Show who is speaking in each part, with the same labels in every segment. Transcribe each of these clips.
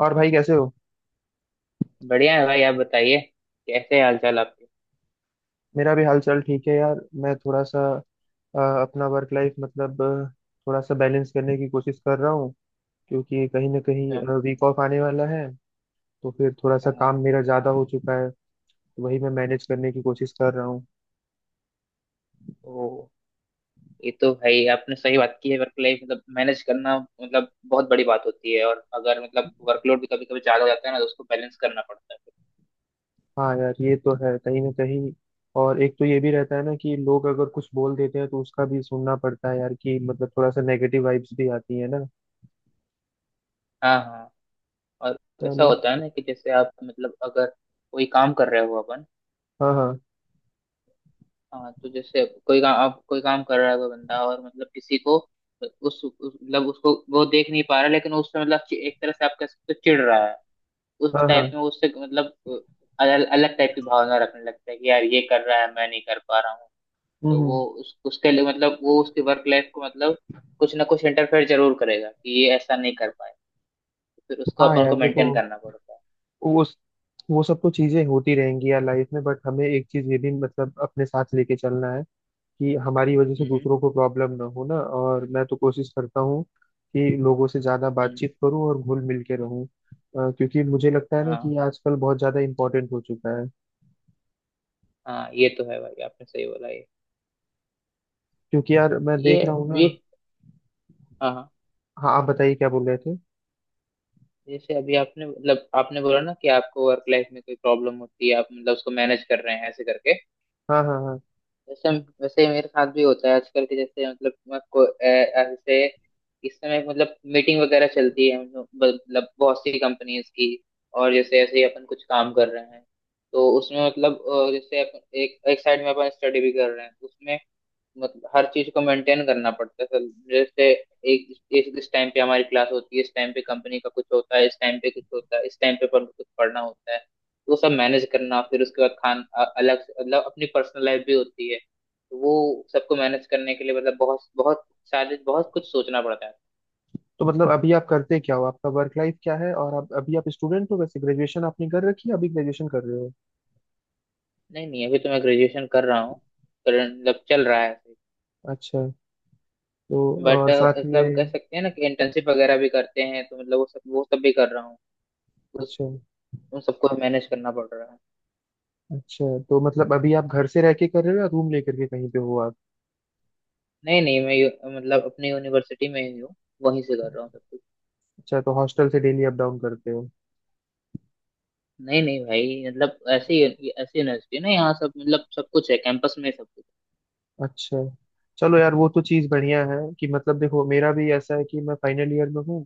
Speaker 1: और भाई कैसे हो।
Speaker 2: बढ़िया है भाई, आप बताइए। कैसे हाल चाल आपके?
Speaker 1: मेरा भी हाल चाल ठीक है यार। मैं थोड़ा सा अपना वर्क लाइफ मतलब थोड़ा सा बैलेंस करने की कोशिश कर रहा हूँ क्योंकि कहीं ना कहीं
Speaker 2: अच्छा।
Speaker 1: वीक ऑफ आने वाला है। तो फिर थोड़ा सा
Speaker 2: हाँ।
Speaker 1: काम मेरा ज़्यादा हो चुका है। तो वही मैं मैनेज करने की कोशिश कर रहा हूँ।
Speaker 2: ओ, ये तो भाई आपने सही बात की है। वर्क लाइफ मतलब मैनेज करना मतलब बहुत बड़ी बात होती है, और अगर मतलब वर्कलोड भी कभी कभी ज्यादा हो जाता है ना तो उसको बैलेंस करना पड़ता है।
Speaker 1: हाँ यार ये तो है कहीं ना कहीं। और एक तो ये भी रहता है ना कि लोग अगर कुछ बोल देते हैं तो उसका भी सुनना पड़ता है यार कि मतलब थोड़ा सा नेगेटिव वाइब्स भी आती है ना।
Speaker 2: हाँ हाँ। और ऐसा
Speaker 1: चलो।
Speaker 2: होता है ना कि जैसे आप मतलब अगर कोई काम कर रहे हो अपन।
Speaker 1: हाँ हाँ।
Speaker 2: हाँ, तो जैसे कोई काम कर रहा है कोई बंदा, और मतलब किसी को मतलब उसको वो देख नहीं पा रहा, लेकिन उस पे मतलब एक तरह से आप कह सकते हो चिढ़ रहा है। उस
Speaker 1: हाँ हाँ।
Speaker 2: टाइप में उससे मतलब अलग अलग टाइप की भावना रखने लगता है कि यार ये कर रहा है, मैं नहीं कर पा रहा हूँ।
Speaker 1: हम्म
Speaker 2: तो
Speaker 1: हम्म।
Speaker 2: वो उसके लिए मतलब वो उसकी वर्क लाइफ को मतलब कुछ ना कुछ इंटरफेयर जरूर करेगा कि ये ऐसा नहीं कर पाए। फिर उसको
Speaker 1: हाँ
Speaker 2: अपन
Speaker 1: यार
Speaker 2: को
Speaker 1: देखो
Speaker 2: मेंटेन करना पड़ता है।
Speaker 1: वो वो सब तो चीजें होती रहेंगी यार लाइफ में, बट हमें एक चीज ये भी मतलब अपने साथ लेके चलना है कि हमारी वजह से
Speaker 2: हम्म
Speaker 1: दूसरों को प्रॉब्लम ना हो ना। और मैं तो कोशिश करता हूँ कि लोगों से ज्यादा
Speaker 2: हम्म।
Speaker 1: बातचीत करूँ और घुल मिल के रहूँ क्योंकि मुझे लगता है ना कि
Speaker 2: हाँ
Speaker 1: ये आजकल बहुत ज्यादा इम्पोर्टेंट हो चुका है।
Speaker 2: हाँ, ये तो है भाई, आपने सही बोला।
Speaker 1: क्योंकि यार मैं
Speaker 2: ये
Speaker 1: देख रहा हूँ ना।
Speaker 2: ये। हाँ हाँ।
Speaker 1: हाँ आप बताइए क्या बोल रहे थे?
Speaker 2: जैसे अभी आपने बोला ना कि आपको वर्क लाइफ में कोई प्रॉब्लम होती है, आप मतलब उसको मैनेज कर रहे हैं ऐसे करके।
Speaker 1: हाँ हाँ हाँ।
Speaker 2: जैसे, वैसे मेरे साथ भी होता है आजकल के जैसे मतलब मैं को- अ, अ, जैसे इस समय मतलब मीटिंग वगैरह चलती है, मतलब बहुत सी कंपनीज की। और जैसे ऐसे ही अपन कुछ काम कर रहे हैं। तो उसमें मतलब जैसे अपन एक एक साइड में अपन स्टडी भी कर रहे हैं उसमें, मतलब हर चीज को मेंटेन करना पड़ता है सर। जैसे एक एक इस टाइम पे हमारी क्लास होती है, इस टाइम पे कंपनी का कुछ होता है, इस टाइम पे कुछ होता है, इस टाइम पे पर कुछ पढ़ना होता है। वो सब मैनेज करना, फिर उसके बाद खान अ- अलग से- मतलब अपनी पर्सनल लाइफ भी होती है, तो वो सबको मैनेज करने के लिए मतलब बहुत बहुत सारे बहुत कुछ सोचना पड़ता है।
Speaker 1: तो मतलब अभी आप करते क्या हो, आपका वर्क लाइफ क्या है? और आप अभी आप स्टूडेंट हो? वैसे ग्रेजुएशन आपने कर रखी है अभी ग्रेजुएशन कर रहे हो?
Speaker 2: नहीं नहीं, अभी तो मैं ग्रेजुएशन कर रहा हूँ। मतलब चल रहा है।
Speaker 1: अच्छा। तो
Speaker 2: बट
Speaker 1: और साथ
Speaker 2: मतलब कह
Speaker 1: में
Speaker 2: सकते हैं ना कि इंटर्नशिप वगैरह भी करते हैं, तो मतलब वो सब भी कर रहा हूँ। उस
Speaker 1: अच्छा।
Speaker 2: उन सबको मैनेज करना पड़ रहा है।
Speaker 1: अच्छा तो मतलब अभी आप घर से रह के कर रहे हो या रूम लेकर के कहीं पे हो आप?
Speaker 2: नहीं नहीं, मतलब अपनी यूनिवर्सिटी में ही हूँ। वहीं से कर रहा हूँ सब कुछ।
Speaker 1: अच्छा तो हॉस्टल से डेली अप डाउन करते हो?
Speaker 2: नहीं नहीं भाई, मतलब ऐसी ऐसी यूनिवर्सिटी ना, यहाँ सब मतलब सब कुछ है कैंपस में, सब कुछ।
Speaker 1: अच्छा। चलो यार वो तो चीज़ बढ़िया है कि मतलब देखो मेरा भी ऐसा है कि मैं फाइनल ईयर में हूँ।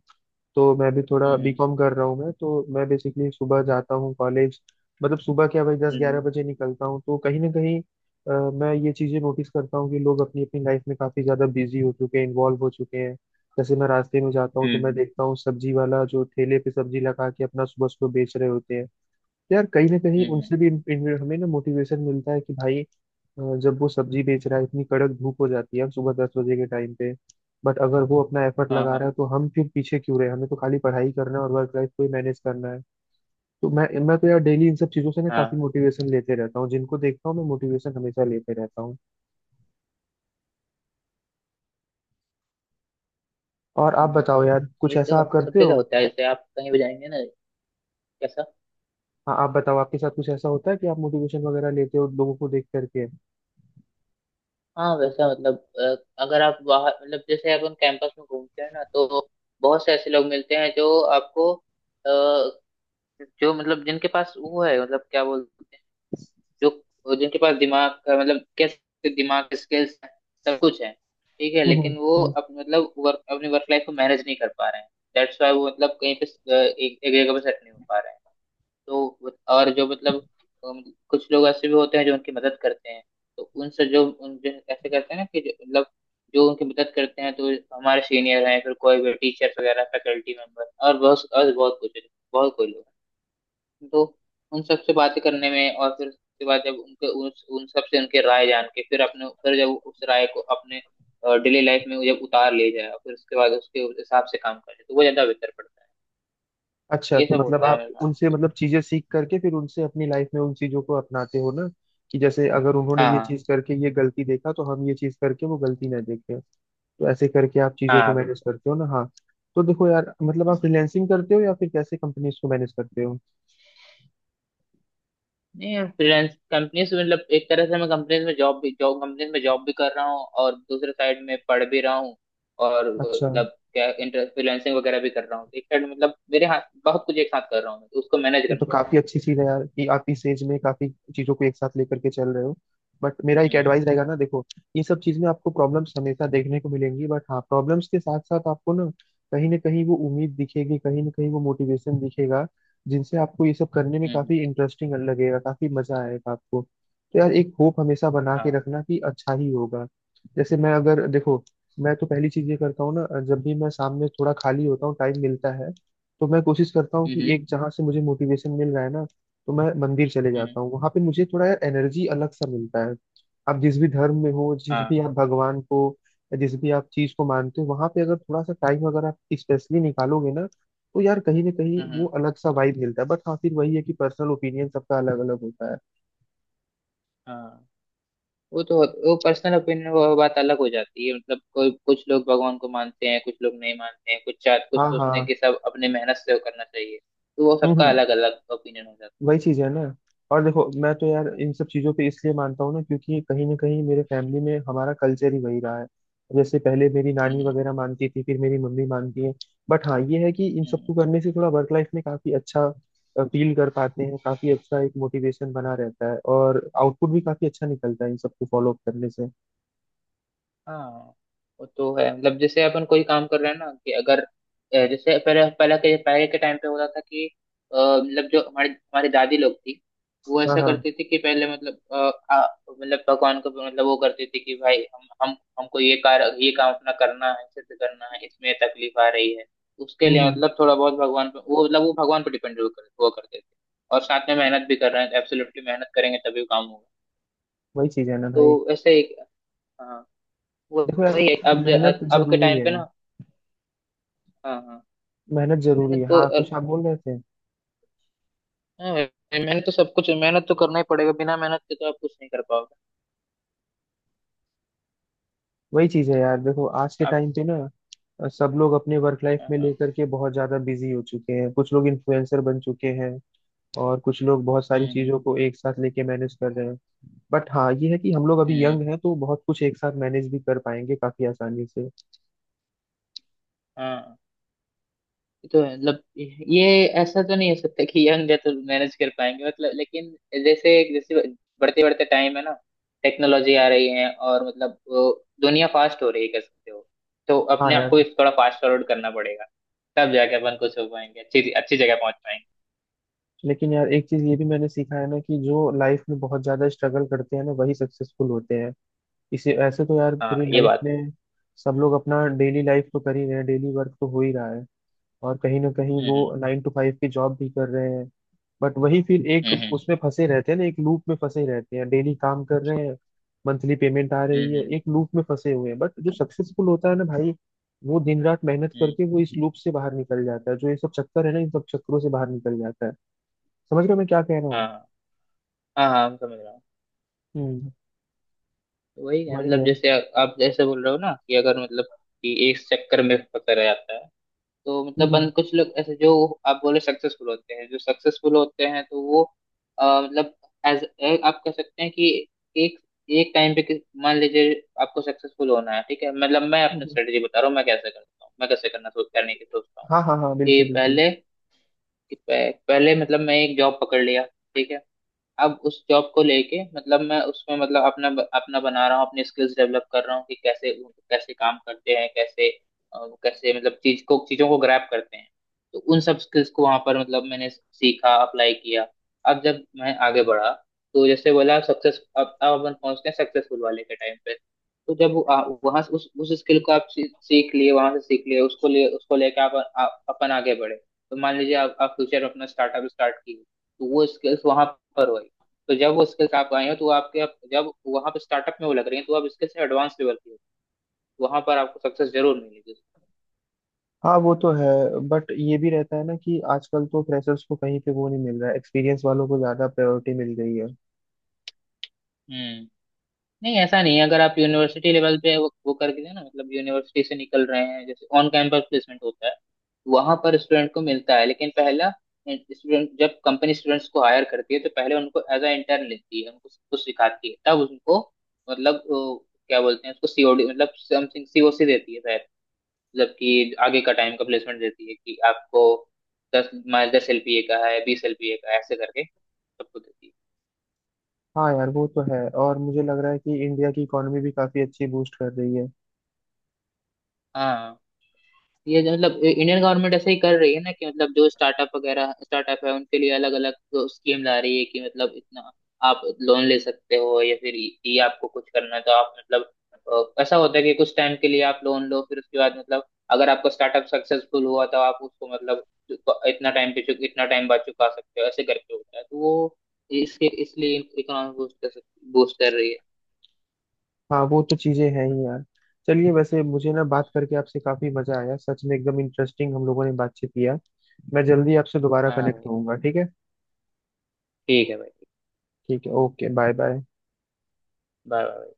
Speaker 1: तो मैं भी थोड़ा
Speaker 2: हम्म
Speaker 1: बीकॉम कर रहा हूँ। मैं बेसिकली सुबह जाता हूँ कॉलेज। मतलब सुबह क्या भाई दस ग्यारह
Speaker 2: हम्म।
Speaker 1: बजे निकलता हूँ। तो कहीं ना कहीं मैं ये चीजें नोटिस करता हूँ कि लोग अपनी अपनी लाइफ में काफी ज्यादा बिजी हो चुके हैं इन्वॉल्व हो चुके हैं। जैसे मैं रास्ते में जाता हूँ तो मैं
Speaker 2: हम्म।
Speaker 1: देखता हूँ सब्जी वाला जो ठेले पे सब्जी लगा के अपना सुबह सुबह बेच रहे होते हैं। तो यार कहीं ना कहीं उनसे
Speaker 2: हम्म,
Speaker 1: भी इन, इन, हमें ना मोटिवेशन मिलता है कि भाई जब वो सब्जी बेच रहा है इतनी कड़क धूप हो जाती है, हम सुबह 10 बजे के टाइम पे। बट अगर वो अपना एफर्ट
Speaker 2: हाँ
Speaker 1: लगा
Speaker 2: हाँ
Speaker 1: रहा है तो हम फिर पीछे क्यों रहे, हमें तो खाली पढ़ाई करना है और वर्क लाइफ को ही मैनेज करना है। तो मैं तो यार डेली इन सब चीजों से ना
Speaker 2: हाँ।
Speaker 1: काफी मोटिवेशन लेते रहता हूँ, जिनको देखता हूँ मैं मोटिवेशन हमेशा लेते रहता हूँ। और आप
Speaker 2: हम्म।
Speaker 1: बताओ यार कुछ
Speaker 2: ये तो
Speaker 1: ऐसा आप
Speaker 2: सब
Speaker 1: करते हो?
Speaker 2: जगह होता है, जैसे आप कहीं भी जाएंगे ना। कैसा?
Speaker 1: हाँ आप बताओ आपके साथ कुछ ऐसा होता है कि आप मोटिवेशन वगैरह लेते हो लोगों को देख करके?
Speaker 2: हाँ वैसा मतलब अ, अगर आप बाहर मतलब जैसे अपन कैंपस में घूमते हैं ना, तो बहुत से ऐसे लोग मिलते हैं जो आपको अ, जो मतलब जिनके पास वो है मतलब क्या बोलते, जो जिनके पास दिमाग का मतलब कैसे दिमाग के स्किल्स हैं, सब कुछ है ठीक है,
Speaker 1: हम्म
Speaker 2: लेकिन वो
Speaker 1: हम्म।
Speaker 2: मतलब वर्क अपनी वर्क लाइफ को मैनेज नहीं कर पा रहे हैं। दैट्स वाई वो मतलब कहीं पे एक जगह पे सेट नहीं हो पा रहे हैं। और जो मतलब अम, कुछ लोग ऐसे भी होते हैं जो उनकी मदद करते हैं। तो उनसे जो उन जो ऐसे करते हैं ना कि जो- मतलब जो उनकी मदद करते हैं, तो हमारे सीनियर हैं, फिर कोई भी टीचर वगैरह, फैकल्टी मेंबर, और बहुत कुछ, बहुत कोई लोग हैं। तो उन सब से बातें करने में, और फिर उसके बाद जब उन सब से उनके राय जान के, फिर जब उस राय को अपने डेली लाइफ में जब उतार ले जाए, फिर उसके बाद उसके हिसाब से काम करे, तो वो ज्यादा बेहतर पड़ता है।
Speaker 1: अच्छा
Speaker 2: ये
Speaker 1: तो
Speaker 2: सब
Speaker 1: मतलब
Speaker 2: होता है
Speaker 1: आप
Speaker 2: मेरे साथ
Speaker 1: उनसे
Speaker 2: फिर।
Speaker 1: मतलब चीजें सीख करके फिर उनसे अपनी लाइफ में उन चीजों को अपनाते हो ना कि जैसे अगर उन्होंने
Speaker 2: हाँ
Speaker 1: ये
Speaker 2: हाँ
Speaker 1: चीज करके ये गलती देखा तो हम ये चीज करके वो गलती ना देखें। तो ऐसे करके आप चीजों को
Speaker 2: हाँ
Speaker 1: मैनेज
Speaker 2: बिल्कुल।
Speaker 1: करते हो ना हाँ। तो देखो यार मतलब आप
Speaker 2: हम्म।
Speaker 1: फ्रीलैंसिंग करते हो या फिर कैसे कंपनीज को मैनेज करते हो?
Speaker 2: नहीं, फ्रीलांस कंपनीज मतलब एक तरह से मैं कंपनीज में जॉब भी जॉब कंपनीज में जॉब भी कर रहा हूँ, और दूसरे साइड में पढ़ भी रहा हूँ। और
Speaker 1: अच्छा।
Speaker 2: मतलब क्या, इंटर फ्रीलांसिंग वगैरह भी कर रहा हूँ एक साइड, मतलब मेरे हाथ बहुत कुछ एक साथ कर रहा हूँ मैं, तो उसको मैनेज
Speaker 1: ये तो
Speaker 2: करना पड़ रहा
Speaker 1: काफी अच्छी चीज है यार कि आप इस एज में काफी चीजों को एक साथ लेकर के चल रहे हो। बट मेरा एक
Speaker 2: है।
Speaker 1: एडवाइस रहेगा ना देखो, ये सब चीज में आपको प्रॉब्लम्स हमेशा देखने को मिलेंगी, बट हाँ प्रॉब्लम्स के साथ साथ आपको ना कहीं वो उम्मीद दिखेगी, कहीं ना कहीं वो मोटिवेशन दिखेगा, जिनसे आपको ये सब करने में
Speaker 2: हम्म।
Speaker 1: काफी इंटरेस्टिंग लगेगा, काफी मजा आएगा आपको। तो यार एक होप हमेशा बना के
Speaker 2: हाँ।
Speaker 1: रखना कि अच्छा ही होगा। जैसे मैं अगर देखो, मैं तो पहली चीज ये करता हूँ ना, जब भी मैं शाम में थोड़ा खाली होता हूँ टाइम मिलता है तो मैं कोशिश करता हूँ कि
Speaker 2: हम्म
Speaker 1: एक जहाँ से मुझे मोटिवेशन मिल रहा है ना तो मैं मंदिर चले
Speaker 2: हम्म।
Speaker 1: जाता हूँ, वहां पे मुझे थोड़ा यार एनर्जी अलग सा मिलता है। आप जिस भी धर्म में हो, जिस भी
Speaker 2: हाँ।
Speaker 1: आप भगवान को या जिस भी आप चीज को मानते हो वहां पे अगर थोड़ा सा टाइम अगर आप स्पेशली निकालोगे ना तो यार कहीं ना कहीं वो
Speaker 2: हम्म।
Speaker 1: अलग सा वाइब मिलता है। बट हाँ फिर वही है कि पर्सनल ओपिनियन सबका अलग अलग होता है।
Speaker 2: हाँ, वो तो। वो पर्सनल ओपिनियन, वो बात अलग हो जाती है, मतलब कोई, कुछ लोग भगवान को मानते हैं, कुछ लोग नहीं मानते हैं, कुछ
Speaker 1: हाँ हाँ
Speaker 2: सोचते हैं
Speaker 1: हाँ।
Speaker 2: कि सब अपने मेहनत से वो करना चाहिए। तो वो सबका
Speaker 1: हम्म।
Speaker 2: अलग अलग ओपिनियन हो जाता
Speaker 1: वही चीज है ना। और देखो मैं तो यार इन सब चीजों पे इसलिए मानता हूँ ना क्योंकि कहीं ना कहीं मेरे फैमिली में हमारा कल्चर ही वही रहा है। जैसे पहले मेरी
Speaker 2: है।
Speaker 1: नानी वगैरह मानती थी फिर मेरी मम्मी मानती है। बट हाँ ये है कि इन
Speaker 2: हम्म।
Speaker 1: सबको करने से थोड़ा वर्क लाइफ में काफी अच्छा फील कर पाते हैं, काफी अच्छा एक मोटिवेशन बना रहता है और आउटपुट भी काफी अच्छा निकलता है इन सबको फॉलो अप करने से।
Speaker 2: हाँ वो तो है, मतलब जैसे अपन कोई काम कर रहे हैं ना, कि अगर जैसे पहले पहले के टाइम पे होता था कि मतलब जो हमारे हमारी दादी लोग थी, वो
Speaker 1: हाँ
Speaker 2: ऐसा
Speaker 1: हाँ।
Speaker 2: करती थी कि पहले मतलब मतलब भगवान को मतलब, वो करती थी कि भाई हम हमको ये काम अपना करना है, सिद्ध करना है, इसमें तकलीफ आ रही है, उसके लिए
Speaker 1: हम्म।
Speaker 2: मतलब थोड़ा बहुत भगवान पे वो, मतलब वो भगवान पे हुआ करते थे। और साथ में मेहनत भी कर रहे हैं, एब्सोल्युटली मेहनत करेंगे तभी काम होगा।
Speaker 1: वही चीज है ना
Speaker 2: तो
Speaker 1: भाई।
Speaker 2: ऐसे एक। हाँ। वो-
Speaker 1: देखो
Speaker 2: वही है
Speaker 1: यार
Speaker 2: अब,
Speaker 1: मेहनत
Speaker 2: अब के
Speaker 1: जरूरी
Speaker 2: टाइम पे
Speaker 1: है।
Speaker 2: ना। हाँ हाँ।
Speaker 1: मेहनत जरूरी
Speaker 2: मेहनत
Speaker 1: है।
Speaker 2: तो
Speaker 1: हाँ,
Speaker 2: अ,
Speaker 1: कुछ आप बोल रहे थे?
Speaker 2: हाँ, मेहनत तो सब कुछ, मेहनत तो करना ही पड़ेगा, बिना मेहनत के तो आप कुछ नहीं कर पाओगे।
Speaker 1: वही चीज है यार, देखो आज के
Speaker 2: आप।
Speaker 1: टाइम पे ना सब लोग अपने वर्क लाइफ
Speaker 2: हाँ
Speaker 1: में
Speaker 2: हाँ।
Speaker 1: लेकर के बहुत ज्यादा बिजी हो चुके हैं, कुछ लोग इन्फ्लुएंसर बन चुके हैं और कुछ लोग बहुत सारी
Speaker 2: हम्म।
Speaker 1: चीजों को एक साथ लेके मैनेज कर रहे हैं। बट हाँ ये है कि हम लोग अभी
Speaker 2: हम्म,
Speaker 1: यंग हैं तो बहुत कुछ एक साथ मैनेज भी कर पाएंगे काफी आसानी से।
Speaker 2: हाँ ये तो है, मतलब ये, ऐसा तो नहीं हो सकता कि यंग है तो मैनेज कर पाएंगे, मतलब लेकिन जैसे जैसे बढ़ते बढ़ते टाइम है ना, टेक्नोलॉजी आ रही है, और मतलब वो दुनिया फास्ट हो रही है कह सकते हो, तो
Speaker 1: हाँ
Speaker 2: अपने आप
Speaker 1: यार।
Speaker 2: को भी थोड़ा फास्ट फॉरवर्ड करना पड़ेगा। तब जाके अपन कुछ हो पाएंगे, अच्छी अच्छी जगह पहुंच पाएंगे।
Speaker 1: लेकिन यार एक चीज ये भी मैंने सीखा है ना कि जो लाइफ में बहुत ज्यादा स्ट्रगल करते हैं ना वही सक्सेसफुल होते हैं। इसे ऐसे तो यार
Speaker 2: हाँ
Speaker 1: पूरी
Speaker 2: ये
Speaker 1: लाइफ
Speaker 2: बात।
Speaker 1: में सब लोग अपना डेली लाइफ तो कर ही रहे हैं, डेली वर्क तो हो ही रहा है। और कहीं ना कहीं
Speaker 2: हम्म
Speaker 1: वो
Speaker 2: हम्म।
Speaker 1: 9 to 5 की जॉब भी कर रहे हैं। बट वही फिर एक
Speaker 2: हम्म
Speaker 1: उसमें फंसे रहते हैं ना, एक लूप में फंसे रहते हैं, डेली काम कर रहे हैं, मंथली पेमेंट आ रही है,
Speaker 2: हम्म।
Speaker 1: एक लूप में फंसे हुए हैं। बट जो सक्सेसफुल होता है ना भाई वो दिन रात मेहनत
Speaker 2: हम्म,
Speaker 1: करके वो इस लूप से बाहर निकल जाता है, जो ये सब चक्कर है ना इन सब चक्करों से बाहर निकल जाता है। समझ रहे हो मैं क्या कह रहा हूँ?
Speaker 2: हाँ हाँ हाँ मैं समझ रहा हूँ।
Speaker 1: हम्म।
Speaker 2: तो वही है,
Speaker 1: वही
Speaker 2: मतलब
Speaker 1: है।
Speaker 2: जैसे आप जैसे बोल रहे हो ना कि अगर मतलब कि एक चक्कर में फंसा रह जाता है। तो मतलब बन
Speaker 1: हम्म
Speaker 2: कुछ लोग ऐसे जो, आप बोले सक्सेसफुल होते हैं, जो सक्सेसफुल होते हैं तो वो मतलब एज, आप कह सकते हैं कि एक एक टाइम पे मान लीजिए आपको सक्सेसफुल होना है, ठीक है, मतलब मैं अपनी
Speaker 1: हम्म।
Speaker 2: स्ट्रेटेजी बता रहा हूँ मैं कैसे करता हूँ, मैं कैसे करना सोच करने की सोचता हूँ।
Speaker 1: हाँ हाँ हाँ
Speaker 2: कि
Speaker 1: बिल्कुल बिल्कुल।
Speaker 2: पहले पहले मतलब मैं एक जॉब पकड़ लिया, ठीक है। अब उस जॉब को लेके मतलब मैं उसमें मतलब अपना अपना बना रहा हूँ, अपने स्किल्स डेवलप कर रहा हूँ कि कैसे कैसे काम करते हैं, कैसे कैसे मतलब चीजों को ग्रैब करते हैं। तो उन सब स्किल्स को वहां पर मतलब मैंने सीखा, अप्लाई किया। अब जब मैं आगे बढ़ा, तो जैसे बोला सक्सेस, अब अपन पहुंचते हैं सक्सेसफुल वाले के टाइम पे। तो जब वहां उस स्किल को आप सीख लिए, वहां से सीख लिए, उसको लेके आप अपन आगे बढ़े। तो मान लीजिए आप फ्यूचर में अपना स्टार्टअप स्टार्ट किए, तो वो स्किल्स वहां पर हो। तो जब वो स्किल्स आप आए हो तो वो आपके आप जब वहां पे स्टार्टअप में वो लग रही है तो आप स्किल्स एडवांस लेवल की हो। वहां पर आपको सक्सेस जरूर मिलेगी।
Speaker 1: हाँ वो तो है। बट ये भी रहता है ना कि आजकल तो फ्रेशर्स को कहीं पे वो नहीं मिल रहा है, एक्सपीरियंस वालों को ज्यादा प्रायोरिटी मिल रही है।
Speaker 2: हम्म। नहीं ऐसा नहीं है, अगर आप यूनिवर्सिटी लेवल पे वो करके दे ना, मतलब यूनिवर्सिटी से निकल रहे हैं, जैसे ऑन कैंपस प्लेसमेंट होता है, वहां पर स्टूडेंट को मिलता है। लेकिन पहला स्टूडेंट जब कंपनी स्टूडेंट्स को हायर करती है, तो पहले उनको एज अ इंटर्न लेती है, उनको सब कुछ सिखाती है, तब उनको मतलब क्या बोलते हैं उसको, सीओडी मतलब समथिंग सीओसी देती है, मतलब कि आगे का टाइम का प्लेसमेंट देती है, कि आपको 10 माइल 10 एलपीए का है, 20 एलपीए का है, ऐसे करके सबको देती है।
Speaker 1: हाँ यार वो तो है। और मुझे लग रहा है कि इंडिया की इकोनॉमी भी काफी अच्छी बूस्ट कर रही है।
Speaker 2: हाँ, ये जो मतलब इंडियन गवर्नमेंट ऐसे ही कर रही है ना कि मतलब जो स्टार्टअप है उनके लिए अलग अलग स्कीम ला रही है कि मतलब इतना आप लोन ले सकते हो, या फिर ये आपको कुछ करना है तो आप मतलब ऐसा होता है कि कुछ टाइम के लिए आप लोन लो, फिर उसके बाद मतलब अगर आपका स्टार्टअप सक्सेसफुल हुआ तो आप उसको मतलब इतना टाइम बाद चुका सकते हो, ऐसे करके होता है। तो वो इसके इसलिए इकोनॉमी बूस्ट कर सकती बूस्ट कर रही है।
Speaker 1: हाँ वो तो चीजें हैं ही यार। चलिए, वैसे मुझे ना बात करके आपसे काफी मजा आया सच में, एकदम इंटरेस्टिंग हम लोगों ने बातचीत किया। मैं जल्दी आपसे दोबारा
Speaker 2: हाँ
Speaker 1: कनेक्ट
Speaker 2: भाई।
Speaker 1: होऊंगा, ठीक है?
Speaker 2: ठीक है भाई।
Speaker 1: ठीक है। Okay bye bye.
Speaker 2: Bye bye.